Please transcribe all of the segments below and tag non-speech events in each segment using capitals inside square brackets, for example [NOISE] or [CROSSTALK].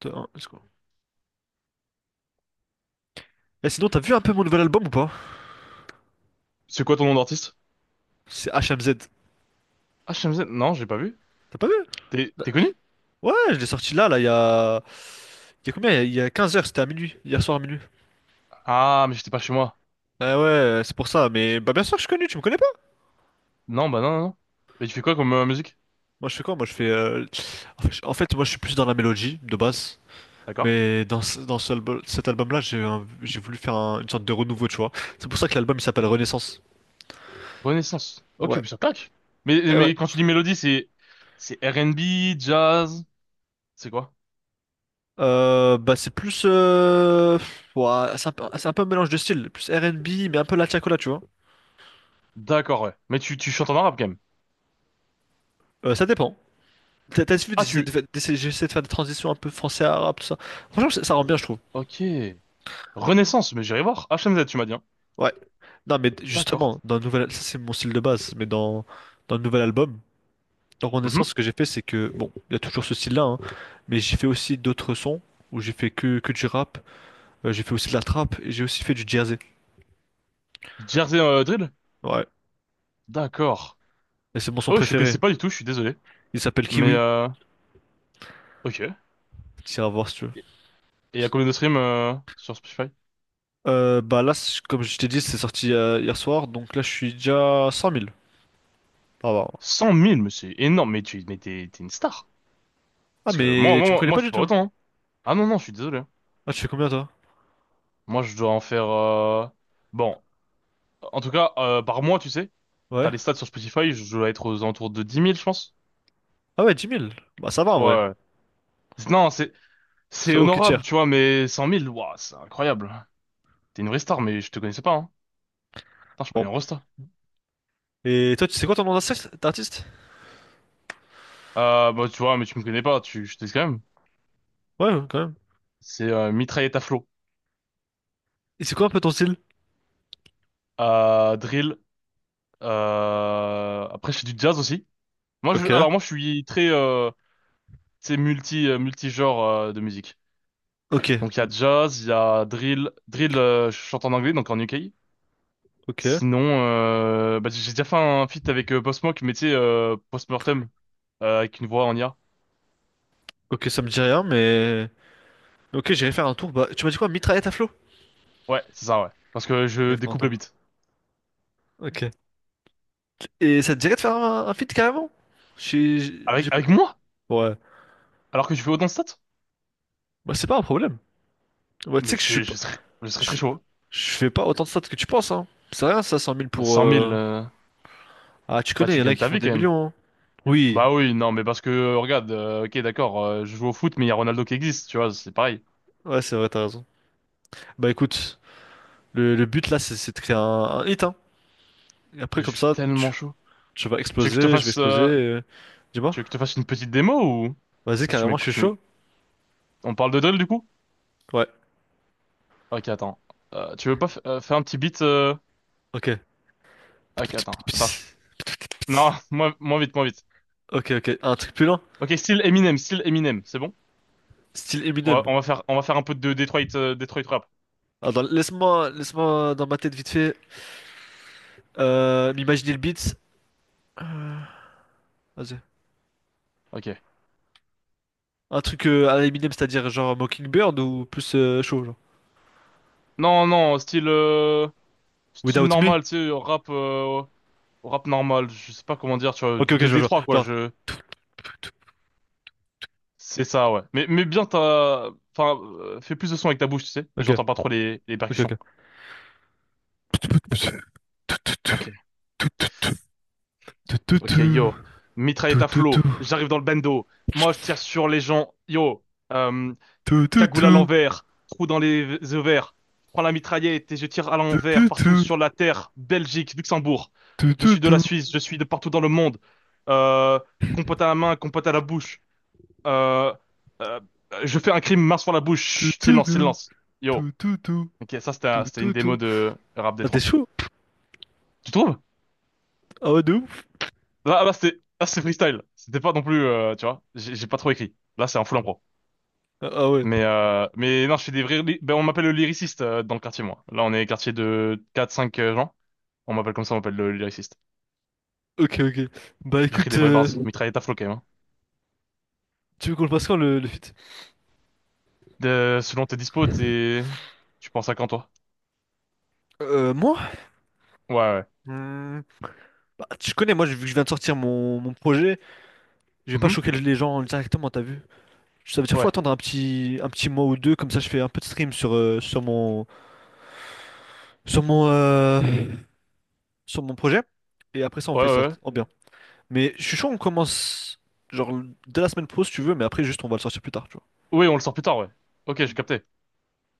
Deux, un, let's go. Eh, sinon, t'as vu un peu mon nouvel album ou pas? C'est quoi ton nom d'artiste? C'est HMZ. Ah, Shamsen? Non, j'ai pas vu. T'as pas vu? T'es Bah, t'es connu? ouais, je l'ai sorti là, là, il y a... Il y a combien? Il y a 15 heures, c'était à minuit. Hier soir à minuit. Ah, mais j'étais pas chez moi. Ah ouais, c'est pour ça. Mais bah, bien sûr que je suis connu, tu me connais pas? Non, bah non, non, non. Mais tu fais quoi comme musique? Moi, je fais quoi? Moi, je fais... En fait, moi, je suis plus dans la mélodie, de base. D'accord. Mais cet album-là, j'ai voulu faire une sorte de renouveau, tu vois. C'est pour ça que l'album, il s'appelle Renaissance. Renaissance. Ok, Ouais, puis ça claque. Mais, eh ouais. mais quand tu dis mélodie, c'est R&B, jazz, c'est quoi? Bah c'est plus... ouais, c'est un peu un mélange de styles, plus R&B, mais un peu la tiacola, tu vois. D'accord, ouais. Mais tu chantes en arabe quand même. Ça dépend. T'as vu, Ah, tu... j'essaie de faire des transitions un peu français arabe, tout ça. Franchement, ça rend bien, je trouve. Ok. Renaissance, mais j'irai voir. HMZ, tu m'as dit, hein. Ouais. Non, mais D'accord. justement, dans le nouvel, ça c'est mon style de base, mais dans le nouvel album, dans Renaissance, ce Mhm. que j'ai fait, c'est que, bon, il y a toujours ce style-là, hein, mais j'ai fait aussi d'autres sons, où j'ai fait que du rap, j'ai fait aussi de la trap, et j'ai aussi fait du jersey. Jersey Drill? Ouais. D'accord. Et c'est mon son Ah ouais, je te connaissais préféré. pas du tout, je suis désolé. Il s'appelle Mais, Kiwi. euh... Ok. Et Tu iras voir si tu veux. et il y a combien de streams sur Spotify? Bah là, comme je t'ai dit, c'est sorti hier soir, donc là je suis déjà à 100 000. Ah, bah. 100 000, mais c'est énorme. Mais t'es une star. Ah, Parce que moi, mais tu me moi, connais moi, pas je fais du pas tout. autant, hein. Ah non, non, je suis désolé, hein. Ah, tu fais combien toi? Moi, je dois en faire. Bon, en tout cas, par mois, tu sais, t'as Ouais. les stats sur Spotify. Je dois être aux alentours de 10 000, je pense. Ah ouais, 10 000. Bah ça va en Ouais, vrai. ouais. Non, c'est C'est ok tier. honorable, tu vois, mais 100 000, ouah, c'est incroyable. T'es une vraie star, mais je te connaissais pas, hein. Putain, je suis pas une Bon. rosta. Et toi, tu sais quoi ton nom d'artiste? Bah, tu vois, mais tu me connais pas. Je te dis quand même. Ouais, ouais, quand même. C'est mitraillette à flot, Et c'est quoi un peu ton style? Drill. Après, je fais du jazz aussi. Moi, je, Ok. alors moi, je suis très C'est multi-genre de musique. Ok. Donc il y a jazz, il y a drill, je chante en anglais donc en UK. Ok. Sinon bah, j'ai déjà fait un feat avec Post Malone, mais tu sais post-mortem avec une voix en IA. Ok, ça me dit rien, mais... Ok, j'irai faire un tour. Bah, tu m'as dit quoi? Mitraillette à flot? Ouais, c'est ça, ouais. Parce que je J'irai faire un découpe le tour. beat. Ok. Et ça te dirait de faire un feat carrément? Avec J'ai pas- avec moi? Ouais. Alors que je fais autant de stats? Bah c'est pas un problème. Ouais, tu Mais sais que je suis je, pas... je serais très Je, chaud, hein. je fais pas autant de stats que tu penses, hein. C'est rien ça, cent mille Bah, pour... 100 000 Ah, tu bah connais, il tu y en a gagnes qui ta font vie des quand même. millions, hein. Oui. Bah oui, non mais parce que regarde, OK d'accord, je joue au foot mais il y a Ronaldo qui existe, tu vois, c'est pareil. Ouais, c'est vrai, t'as raison. Bah écoute, le but là, c'est de créer un hit, hein. Et après, Je comme suis ça, tellement tu, chaud. tu vas Tu veux que je te exploser, je vais fasse exploser, euh, dis-moi, Tu veux que je te fasse une petite démo ou... vas-y, Parce que tu carrément, je m'écoutes, suis chaud. On parle de drill du coup? Ouais, Ok, attends. Tu veux pas faire un petit beat ok. Ok, attends, attends. Non, [LAUGHS] moins, moins vite, moins vite. Ok, ok, un truc plus lent, Ok, style Eminem, c'est bon? style On va, Eminem. on va faire, on va faire un peu de Detroit, Detroit rap. Ah, laisse-moi, laisse-moi dans ma tête vite fait, m'imaginer le beat. Vas-y. Ok. Un truc, à la Eminem, c'est-à-dire genre Mockingbird ou plus, chaud, genre. Non, non, style Without Me? normal, tu sais, rap normal. Je sais pas comment dire, tu vois, Ok, ok, de je vois, je vois. Détroit quoi. Genre. C'est ça, ouais. Mais bien, t'as, enfin, fais plus de son avec ta bouche, tu sais. Ok, J'entends pas trop les ok, percussions. Ok. ok. Ok, yo, Tout mitraillette à tout flot, tout j'arrive dans le bando, moi je tire sur les gens, yo, euh, tout tout cagoule à tout l'envers, trou dans les ovaires, je prends la mitraillette et je tire à tout l'envers, partout tout sur la terre, Belgique, Luxembourg, tout je tout suis de la tout Suisse, je suis de partout dans le monde, euh, compote à la main, compote à la bouche, euh, euh, je fais un crime, main sur la bouche, tout chut, tout silence, tout silence, yo, tout tout tout ok, ça c'était tout c'était une tout démo tout. de rap d Ah t'es trois, chaud? tu trouves? Ah ouais de ouf? Là, c'était freestyle. C'était pas non plus, tu vois, j'ai pas trop écrit. Là, c'est un full impro. Ah ah ouais. Mais non, je fais des vrais... Ben, on m'appelle le lyriciste dans le quartier, moi. Là, on est quartier de quatre, cinq gens. On m'appelle comme ça, on m'appelle le lyriciste. Ok, ok. Bah J'écris écoute, des vrais bars. Mitraillette à flot, quand même, hein. tu veux qu'on le passe quand le feat? Selon tes dispos, t'es... Tu penses à quand, toi? Moi? Ouais, ouais. Hmm, bah, tu connais moi vu que je viens de sortir mon projet, je vais pas Mhm. choquer les gens directement t'as vu? Ça veut dire faut Ouais. attendre un petit mois ou deux comme ça je fais un peu de stream sur mon euh, sur mon projet et après ça on Ouais, fait ça ouais, ouais. en bien. Mais je suis chaud, on commence genre dès la semaine pro si tu veux, mais après juste on va le sortir plus tard, tu vois. Oui, on le sort plus tard, ouais. Ok, j'ai capté.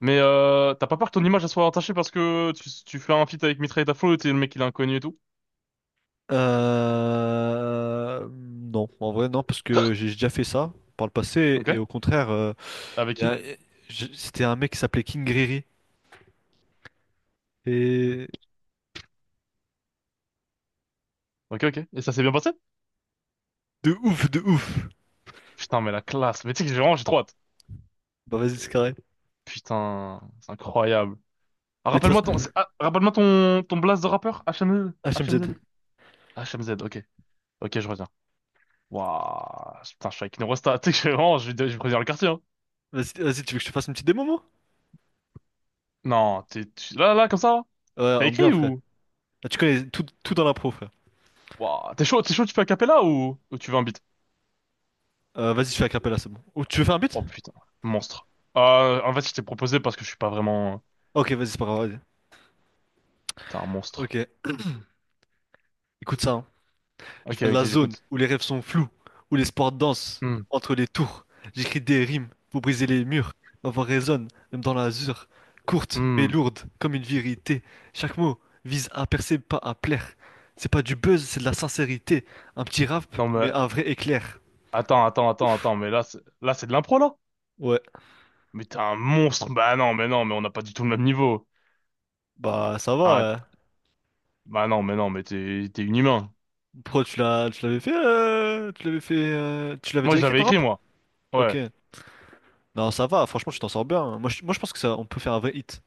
Mais t'as pas peur que ton image elle soit entachée parce que tu fais un feat avec Mitraillette à flot et t'es le mec il est inconnu et tout? Non, en vrai non, parce que [GASPS] j'ai déjà fait ça par le passé et Ok. au contraire, Avec il y qui? a- je- c'était un mec qui s'appelait King Riri et Ok, ok. Et ça s'est bien passé? de ouf, de ouf. Putain, mais la classe. Mais tu sais que j'ai vraiment, j'ai trop hâte. Bah vas-y c'est carré. Putain, c'est incroyable. Ah, Mais de toute rappelle-moi ton, façon, c'est- ah, rappelle-moi ton, ton blast de rappeur, HMZ. HMZ. HMZ. HMZ, ok. Ok, je reviens. Waouh, putain, je suis avec une Rosta. [LAUGHS] Tu sais que je suis vraiment, je vais prévenir le quartier, hein. Vas-y, vas-y, tu veux que je te fasse une petite démo, moi? Non, là, là, comme ça? Ouais, T'as en bien écrit frère. ou? Ah, tu connais tout, tout dans la pro, frère. Waouh, t'es chaud, tu fais a cappella ou tu veux un beat? Vas-y, je fais un capella, c'est bon. Ou tu veux faire un beat? Oh putain, monstre. En fait, je t'ai proposé parce que je suis pas vraiment, Ok, vas-y, c'est pas grave, vas-y. t'es un monstre. Ok, écoute ça, hein. Ok, Je viens de ok, la zone j'écoute. où les rêves sont flous, où les sports dansent Hmm, entre les tours. J'écris des rimes pour briser les murs. Ma voix résonne, même dans l'azur, courte mais hmm. lourde comme une vérité. Chaque mot vise à percer, pas à plaire. C'est pas du buzz, c'est de la sincérité. Un petit rap, Non, mais mais, un vrai éclair. attends, attends, attends, attends, mais là, c'est de l'impro, là? Ouais, Mais t'es un monstre. Bah non, mais non, mais on n'a pas du tout le même niveau. bah ça va, Arrête. hein. Bah non, mais non, mais t'es une humain. Pro, tu l'avais Moi, déjà je écrit l'avais ton écrit, rap? moi. Ok. Ouais. Non, ça va. Franchement, tu t'en sors bien. Moi, je pense que ça, on peut faire un vrai hit.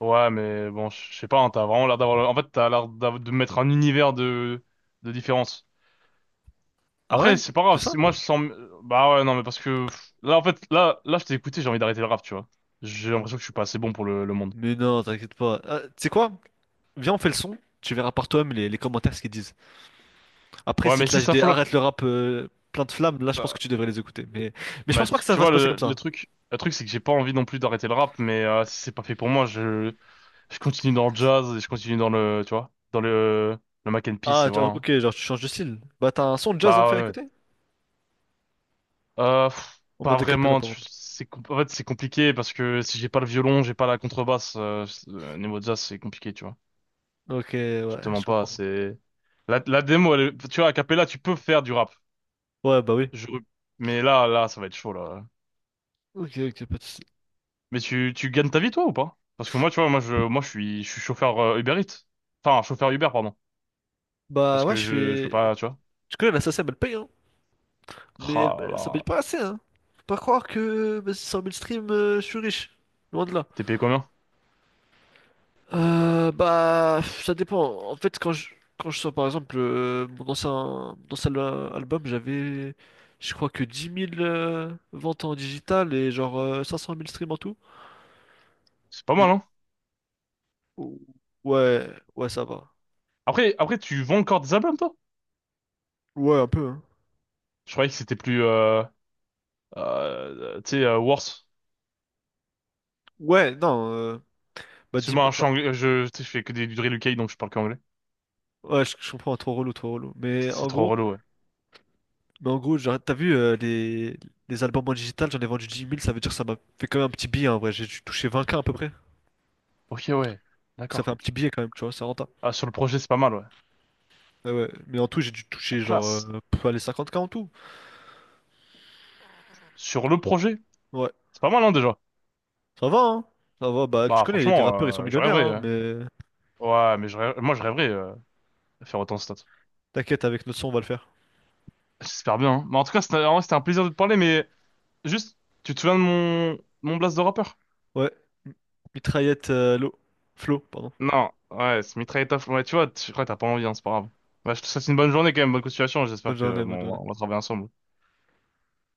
Ouais, mais bon, je sais pas, hein, t'as vraiment l'air d'avoir... En fait, t'as l'air de mettre un univers de différence. Ah Après, ouais? c'est pas Tout grave. ça? Moi, je sens... Bah ouais, non, mais parce que... là, en fait, je t'ai écouté, j'ai envie d'arrêter le rap, tu vois. J'ai l'impression que je suis pas assez bon pour le monde. Mais non, t'inquiète pas. Ah, tu sais quoi? Viens, on fait le son. Tu verras par toi-même les commentaires ce qu'ils disent. Après, Ouais, si mais te si lâchent ça des flop... arrête le rap, plein de flammes, là, je pense que euh, tu devrais les écouter. Mais je bah, pense pas tu, que ça tu va se vois, passer comme le ça. truc... Le truc, c'est que j'ai pas envie non plus d'arrêter le rap, mais si c'est pas fait pour moi, je... Je continue dans le jazz et je continue dans le, tu vois, dans le mac and peace et Ah, voilà, hein. ok, genre tu changes de style. Bah, t'as un son de jazz à me Bah faire ouais, ouais. écouter? En Pas mode acapella, vraiment. par contre. C'est, en fait, c'est compliqué parce que si j'ai pas le violon, j'ai pas la contrebasse. Niveau jazz, c'est compliqué, tu vois. Ok, Je te ouais, mens je pas. comprends. C'est la démo, tu vois, à cappella, tu peux faire du rap. Ouais, bah oui. Je- Mais là, là, ça va être chaud là. Ok, ok, pas de soucis. Mais tu gagnes ta vie toi ou pas? Parce que moi, tu vois, je suis chauffeur Uber Eats. Enfin, chauffeur Uber, pardon. Bah, Parce ouais, que je je peux fais. pas, tu vois. Tu connais la SACEM, elle paye, hein. Mais elle, Ah là, ça paye là. pas assez, hein. Faut pas croire que bah, 100 000 streams, je suis riche. Loin de là. T'es payé combien? Bah, ça dépend. En fait, quand je sors par exemple, album, j'avais, je crois que 10 000, ventes en digital et genre, 500 000 streams en tout. C'est pas mal, J'ai- hein? Ou- Ouais, ouais, ça va. Après, tu vends encore des albums, toi? Ouais, un peu, hein. Je croyais que c'était plus, tu sais, worse. Ouais, non, bah, dix Excuse-moi, mille hein, je, suis bah, anglais- je, tu sais, je fais que des du drill UK, donc je parle qu'anglais. ouais, je comprends, trop relou, trop relou. Mais C'est en trop gros, relou, ouais. Genre, t'as vu, les albums en digital, j'en ai vendu 10 000 ça veut dire que ça m'a fait quand même un petit billet en vrai. J'ai touché 20K à peu près. Ok, ouais. Ça fait D'accord. un petit billet quand même, tu vois, ça rend. Ah, sur le projet, c'est pas mal, ouais. Ah ouais, mais en tout, j'ai dû La toucher genre, classe. Pas les 50K en tout. Sur le projet, Ouais, c'est pas mal, hein, déjà. ça va, hein. Ça va, bah tu Bah, connais, les franchement, rappeurs ils sont je millionnaires, rêverais, hein, ouais. mais Ouais, mais moi, je rêverais, de faire autant de stats. t'inquiète, avec notre son on va le faire. J'espère bien, hein. Mais en tout cas, c'était en vrai, c'était un plaisir de te parler, mais juste, tu te souviens de mon blast de rappeur? Ouais, M- mitraillette, l'eau. Flo, pardon. Non, ouais, c'est Mitrailletov. Ouais, tu vois, tu crois que t'as pas envie, hein, c'est pas grave. Bah, je te souhaite une bonne journée quand même, bonne continuation. Bonne J'espère que journée, bonne bon, journée. on va travailler ensemble.